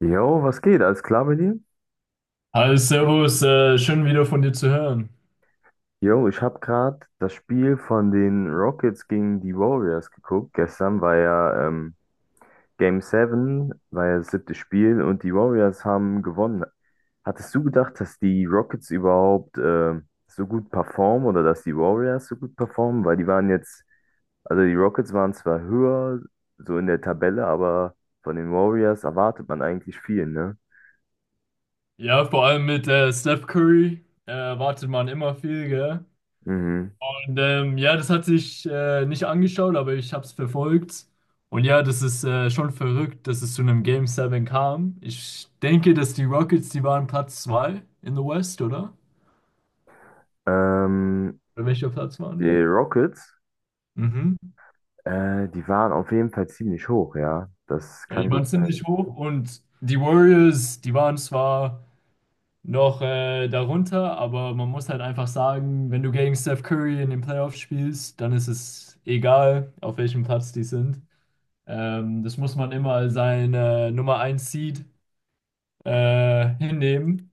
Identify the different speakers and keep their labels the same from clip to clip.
Speaker 1: Jo, was geht? Alles klar bei dir?
Speaker 2: Hi, Servus, schön wieder von dir zu hören.
Speaker 1: Jo, ich habe gerade das Spiel von den Rockets gegen die Warriors geguckt. Gestern war ja Game 7, war ja das siebte Spiel und die Warriors haben gewonnen. Hattest du gedacht, dass die Rockets überhaupt so gut performen oder dass die Warriors so gut performen? Weil die waren jetzt, also die Rockets waren zwar höher so in der Tabelle, aber von den Warriors erwartet man eigentlich viel, ne?
Speaker 2: Ja, vor allem mit Steph Curry erwartet man immer viel, gell?
Speaker 1: Mhm.
Speaker 2: Und ja, das hatte ich nicht angeschaut, aber ich habe es verfolgt. Und ja, das ist schon verrückt, dass es zu einem Game 7 kam. Ich denke, dass die Rockets, die waren Platz 2 in the West, oder?
Speaker 1: Ähm,
Speaker 2: Oder welcher Platz waren
Speaker 1: die
Speaker 2: die?
Speaker 1: Rockets.
Speaker 2: Mhm.
Speaker 1: Die waren auf jeden Fall ziemlich hoch, ja. Das
Speaker 2: Ja,
Speaker 1: kann
Speaker 2: die waren
Speaker 1: gut sein.
Speaker 2: ziemlich hoch und die Warriors, die waren zwar noch darunter, aber man muss halt einfach sagen, wenn du gegen Steph Curry in den Playoffs spielst, dann ist es egal, auf welchem Platz die sind. Das muss man immer als sein Nummer eins Seed hinnehmen.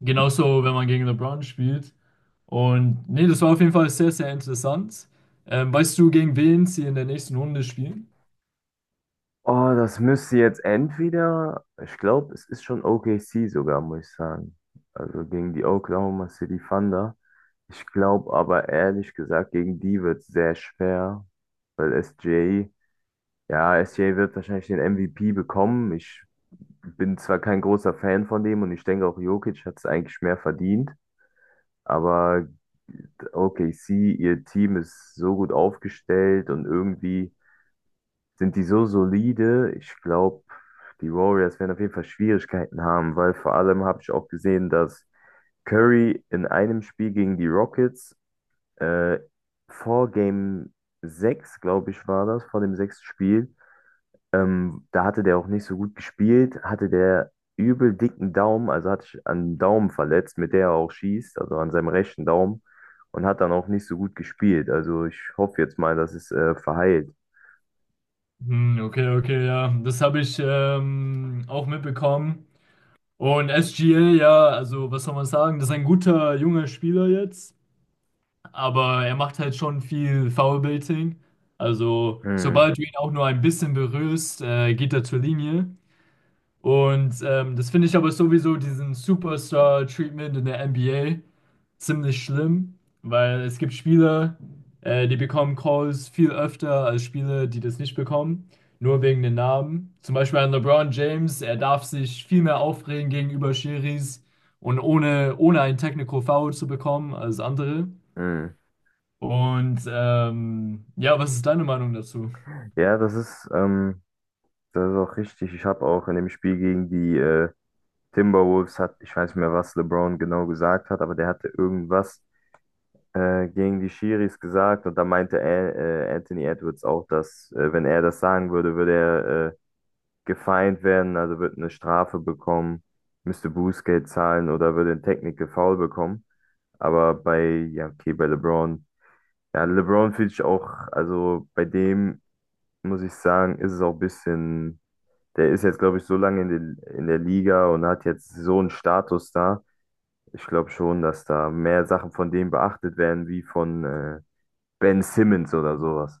Speaker 2: Genauso, wenn man gegen LeBron spielt. Und nee, das war auf jeden Fall sehr, sehr interessant. Weißt du, gegen wen sie in der nächsten Runde spielen?
Speaker 1: Oh, das müsste jetzt entweder, ich glaube, es ist schon OKC sogar, muss ich sagen. Also gegen die Oklahoma City Thunder. Ich glaube aber ehrlich gesagt, gegen die wird es sehr schwer, weil SGA, ja, SGA wird wahrscheinlich den MVP bekommen. Ich bin zwar kein großer Fan von dem und ich denke auch Jokic hat es eigentlich mehr verdient, aber OKC, ihr Team ist so gut aufgestellt und irgendwie sind die so solide? Ich glaube, die Warriors werden auf jeden Fall Schwierigkeiten haben, weil vor allem habe ich auch gesehen, dass Curry in einem Spiel gegen die Rockets äh, vor Game 6, glaube ich, war das, vor dem sechsten Spiel, da hatte der auch nicht so gut gespielt, hatte der übel dicken Daumen, also hat sich an den Daumen verletzt, mit der er auch schießt, also an seinem rechten Daumen und hat dann auch nicht so gut gespielt. Also ich hoffe jetzt mal, dass es verheilt.
Speaker 2: Hm, okay, okay, ja. Das habe ich auch mitbekommen. Und SGA, ja, also was soll man sagen? Das ist ein guter junger Spieler jetzt, aber er macht halt schon viel Foulbaiting. Also,
Speaker 1: Hm,
Speaker 2: sobald du ihn auch nur ein bisschen berührst, geht er zur Linie. Und das finde ich aber sowieso diesen Superstar-Treatment in der NBA ziemlich schlimm, weil es gibt Spieler, die bekommen Calls viel öfter als Spieler, die das nicht bekommen, nur wegen den Namen. Zum Beispiel an LeBron James, er darf sich viel mehr aufregen gegenüber Schiris und ohne einen Technical Foul zu bekommen als andere.
Speaker 1: hm.
Speaker 2: Und ja, was ist deine Meinung dazu?
Speaker 1: Ja, das ist auch richtig. Ich habe auch in dem Spiel gegen die Timberwolves, hat, ich weiß nicht mehr, was LeBron genau gesagt hat, aber der hatte irgendwas gegen die Schiris gesagt und da meinte er, Anthony Edwards auch, dass wenn er das sagen würde, würde er gefeind werden, also würde eine Strafe bekommen, müsste Bußgeld zahlen oder würde ein Technical Foul bekommen. Aber bei, ja, okay, bei LeBron, ja, LeBron finde ich auch, also bei dem muss ich sagen, ist es auch ein bisschen. Der ist jetzt, glaube ich, so lange in der Liga und hat jetzt so einen Status da. Ich glaube schon, dass da mehr Sachen von dem beachtet werden, wie von Ben Simmons oder sowas.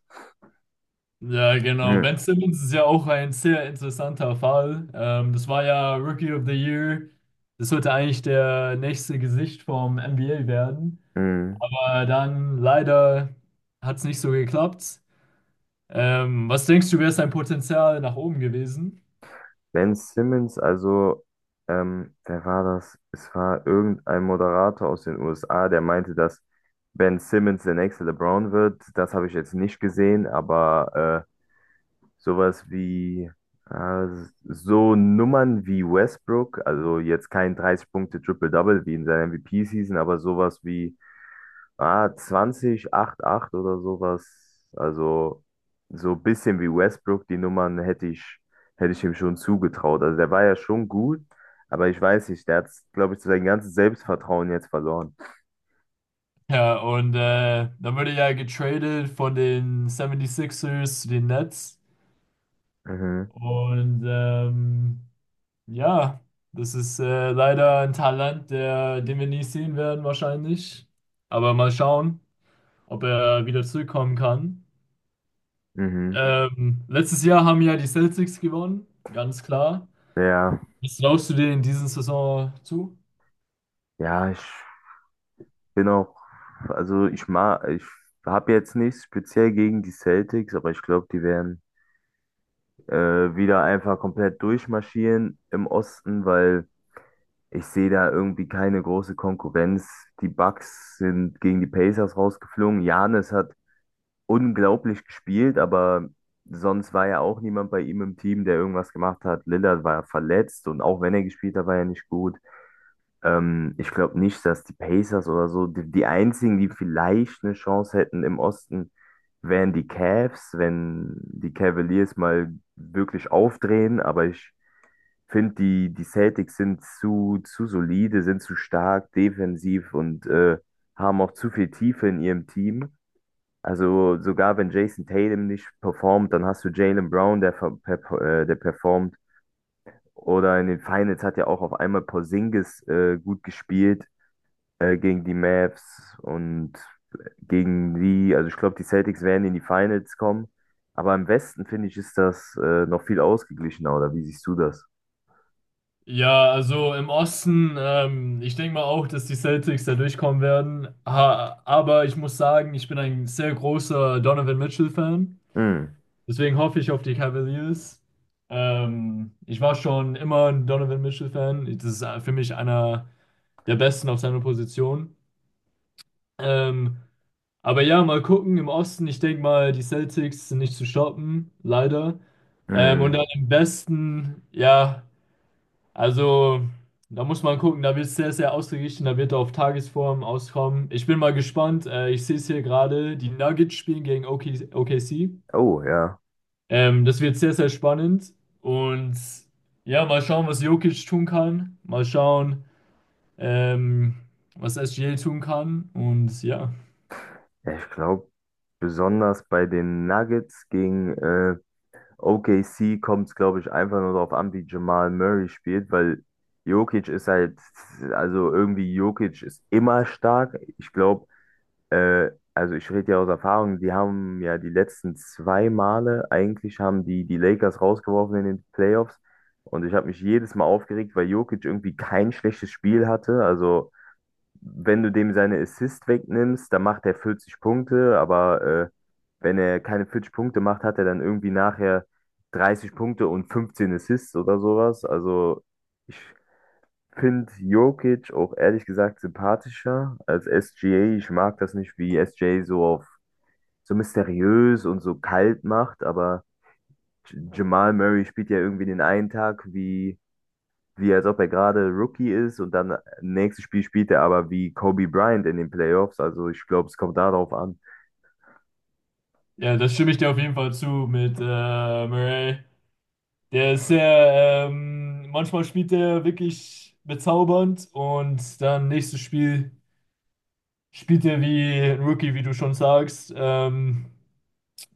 Speaker 2: Ja, genau.
Speaker 1: Hm.
Speaker 2: Ben Simmons ist ja auch ein sehr interessanter Fall. Das war ja Rookie of the Year. Das sollte eigentlich der nächste Gesicht vom NBA werden.
Speaker 1: Hm.
Speaker 2: Dann leider hat es nicht so geklappt. Was denkst du, wäre sein Potenzial nach oben gewesen?
Speaker 1: Ben Simmons, also, wer war das? Es war irgendein Moderator aus den USA, der meinte, dass Ben Simmons der nächste LeBron wird. Das habe ich jetzt nicht gesehen, aber äh, sowas wie äh, so Nummern wie Westbrook, also jetzt kein 30 punkte triple double wie in seiner MVP-Season, aber sowas wie 20 8 8 oder sowas. Also so ein bisschen wie Westbrook, die Nummern hätte ich ihm schon zugetraut. Also der war ja schon gut, aber ich weiß nicht, der hat, glaube ich, sein ganzes Selbstvertrauen jetzt verloren.
Speaker 2: Ja, und dann wurde er ja getradet von den 76ers zu den Nets.
Speaker 1: Mhm,
Speaker 2: Und ja, das ist leider ein Talent, der, den wir nie sehen werden wahrscheinlich. Aber mal schauen, ob er wieder zurückkommen kann.
Speaker 1: mhm.
Speaker 2: Letztes Jahr haben ja die Celtics gewonnen, ganz klar.
Speaker 1: Ja,
Speaker 2: Was traust du dir in dieser Saison zu?
Speaker 1: ja, ich bin auch, also ich mag, ich habe jetzt nichts speziell gegen die Celtics, aber ich glaube, die werden äh, wieder einfach komplett durchmarschieren im Osten, weil ich sehe da irgendwie keine große Konkurrenz. Die Bucks sind gegen die Pacers rausgeflogen. Giannis hat unglaublich gespielt, aber sonst war ja auch niemand bei ihm im Team, der irgendwas gemacht hat. Lillard war verletzt und auch wenn er gespielt hat, war er nicht gut. Ich glaube nicht, dass die Pacers oder so, die, die einzigen, die vielleicht eine Chance hätten im Osten, wären die Cavs, wenn die Cavaliers mal wirklich aufdrehen. Aber ich finde, die Celtics sind zu solide, sind zu stark defensiv und haben auch zu viel Tiefe in ihrem Team. Also sogar wenn Jason Tatum nicht performt, dann hast du Jaylen Brown, der performt. Oder in den Finals hat ja auch auf einmal Porzingis gut gespielt gegen die Mavs und gegen die, also ich glaube, die Celtics werden in die Finals kommen. Aber im Westen, finde ich, ist das noch viel ausgeglichener, oder wie siehst du das?
Speaker 2: Ja, also im Osten, ich denke mal auch, dass die Celtics da durchkommen werden. Ha aber ich muss sagen, ich bin ein sehr großer Donovan Mitchell-Fan.
Speaker 1: Hm,
Speaker 2: Deswegen hoffe ich auf die Cavaliers. Ich war schon immer ein Donovan Mitchell-Fan. Das ist für mich einer der Besten auf seiner Position. Ähm, aber ja, mal gucken. Im Osten, ich denke mal, die Celtics sind nicht zu stoppen, leider. Und
Speaker 1: hm.
Speaker 2: dann im Westen, ja. Also, da muss man gucken, da wird es sehr, sehr ausgeglichen, da wird er auf Tagesform auskommen. Ich bin mal gespannt. Ich sehe es hier gerade, die Nuggets spielen gegen OKC.
Speaker 1: Oh, ja.
Speaker 2: Das wird sehr, sehr spannend. Und ja, mal schauen, was Jokic tun kann. Mal schauen, ähm, was SGA tun kann. Und ja.
Speaker 1: Ja, ich glaube, besonders bei den Nuggets gegen OKC kommt es, glaube ich, einfach nur darauf an, wie Jamal Murray spielt, weil Jokic ist halt, also irgendwie Jokic ist immer stark. Ich glaube, also ich rede ja aus Erfahrung, die haben ja die letzten zwei Male, eigentlich haben die die Lakers rausgeworfen in den Playoffs und ich habe mich jedes Mal aufgeregt, weil Jokic irgendwie kein schlechtes Spiel hatte. Also wenn du dem seine Assist wegnimmst, dann macht er 40 Punkte, aber äh, wenn er keine 40 Punkte macht, hat er dann irgendwie nachher 30 Punkte und 15 Assists oder sowas. Also ich finde Jokic auch ehrlich gesagt sympathischer als SGA. Ich mag das nicht, wie SGA so auf so mysteriös und so kalt macht, aber Jamal Murray spielt ja irgendwie den einen Tag wie als ob er gerade Rookie ist und dann nächstes Spiel spielt er aber wie Kobe Bryant in den Playoffs. Also ich glaube, es kommt darauf an.
Speaker 2: Ja, das stimme ich dir auf jeden Fall zu mit Murray. Der ist sehr, manchmal spielt er wirklich bezaubernd und dann nächstes Spiel. Spielte wie ein Rookie, wie du schon sagst.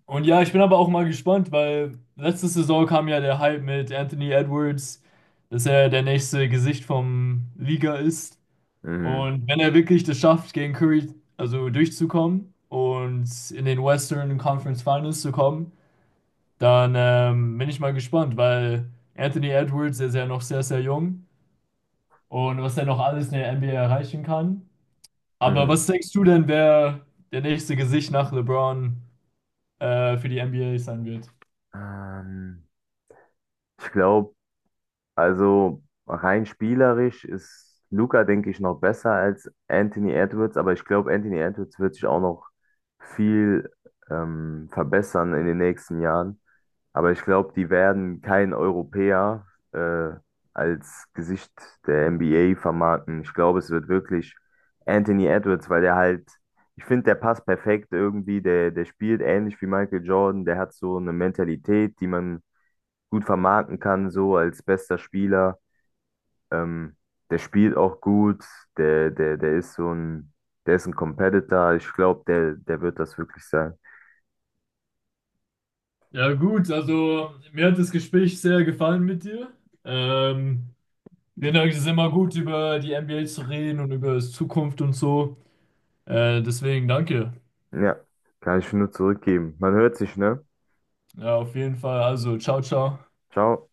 Speaker 2: Und ja, ich bin aber auch mal gespannt, weil letzte Saison kam ja der Hype mit Anthony Edwards, dass er der nächste Gesicht vom Liga ist.
Speaker 1: Mhm.
Speaker 2: Und wenn er wirklich das schafft, gegen Curry also durchzukommen und in den Western Conference Finals zu kommen, dann bin ich mal gespannt, weil Anthony Edwards der ist ja noch sehr, sehr jung und was er noch alles in der NBA erreichen kann. Aber
Speaker 1: Mhm.
Speaker 2: was denkst du denn, wer der nächste Gesicht nach LeBron für die NBA sein wird?
Speaker 1: Ähm, ich glaube, also rein spielerisch ist Luka, denke ich, noch besser als Anthony Edwards, aber ich glaube, Anthony Edwards wird sich auch noch viel verbessern in den nächsten Jahren. Aber ich glaube, die werden keinen Europäer äh, als Gesicht der NBA vermarkten. Ich glaube, es wird wirklich Anthony Edwards, weil der halt, ich finde, der passt perfekt irgendwie, der spielt ähnlich wie Michael Jordan, der hat so eine Mentalität, die man gut vermarkten kann, so als bester Spieler. Ähm, der spielt auch gut, der ist so ein, der ist ein Competitor. Ich glaube, der wird das wirklich sein.
Speaker 2: Ja, gut, also mir hat das Gespräch sehr gefallen mit dir. Ähm, Ich finde, es ist immer gut, über die NBA zu reden und über die Zukunft und so. Deswegen danke.
Speaker 1: Ja, kann ich nur zurückgeben. Man hört sich, ne?
Speaker 2: Ja, auf jeden Fall. Also, ciao, ciao.
Speaker 1: Ciao.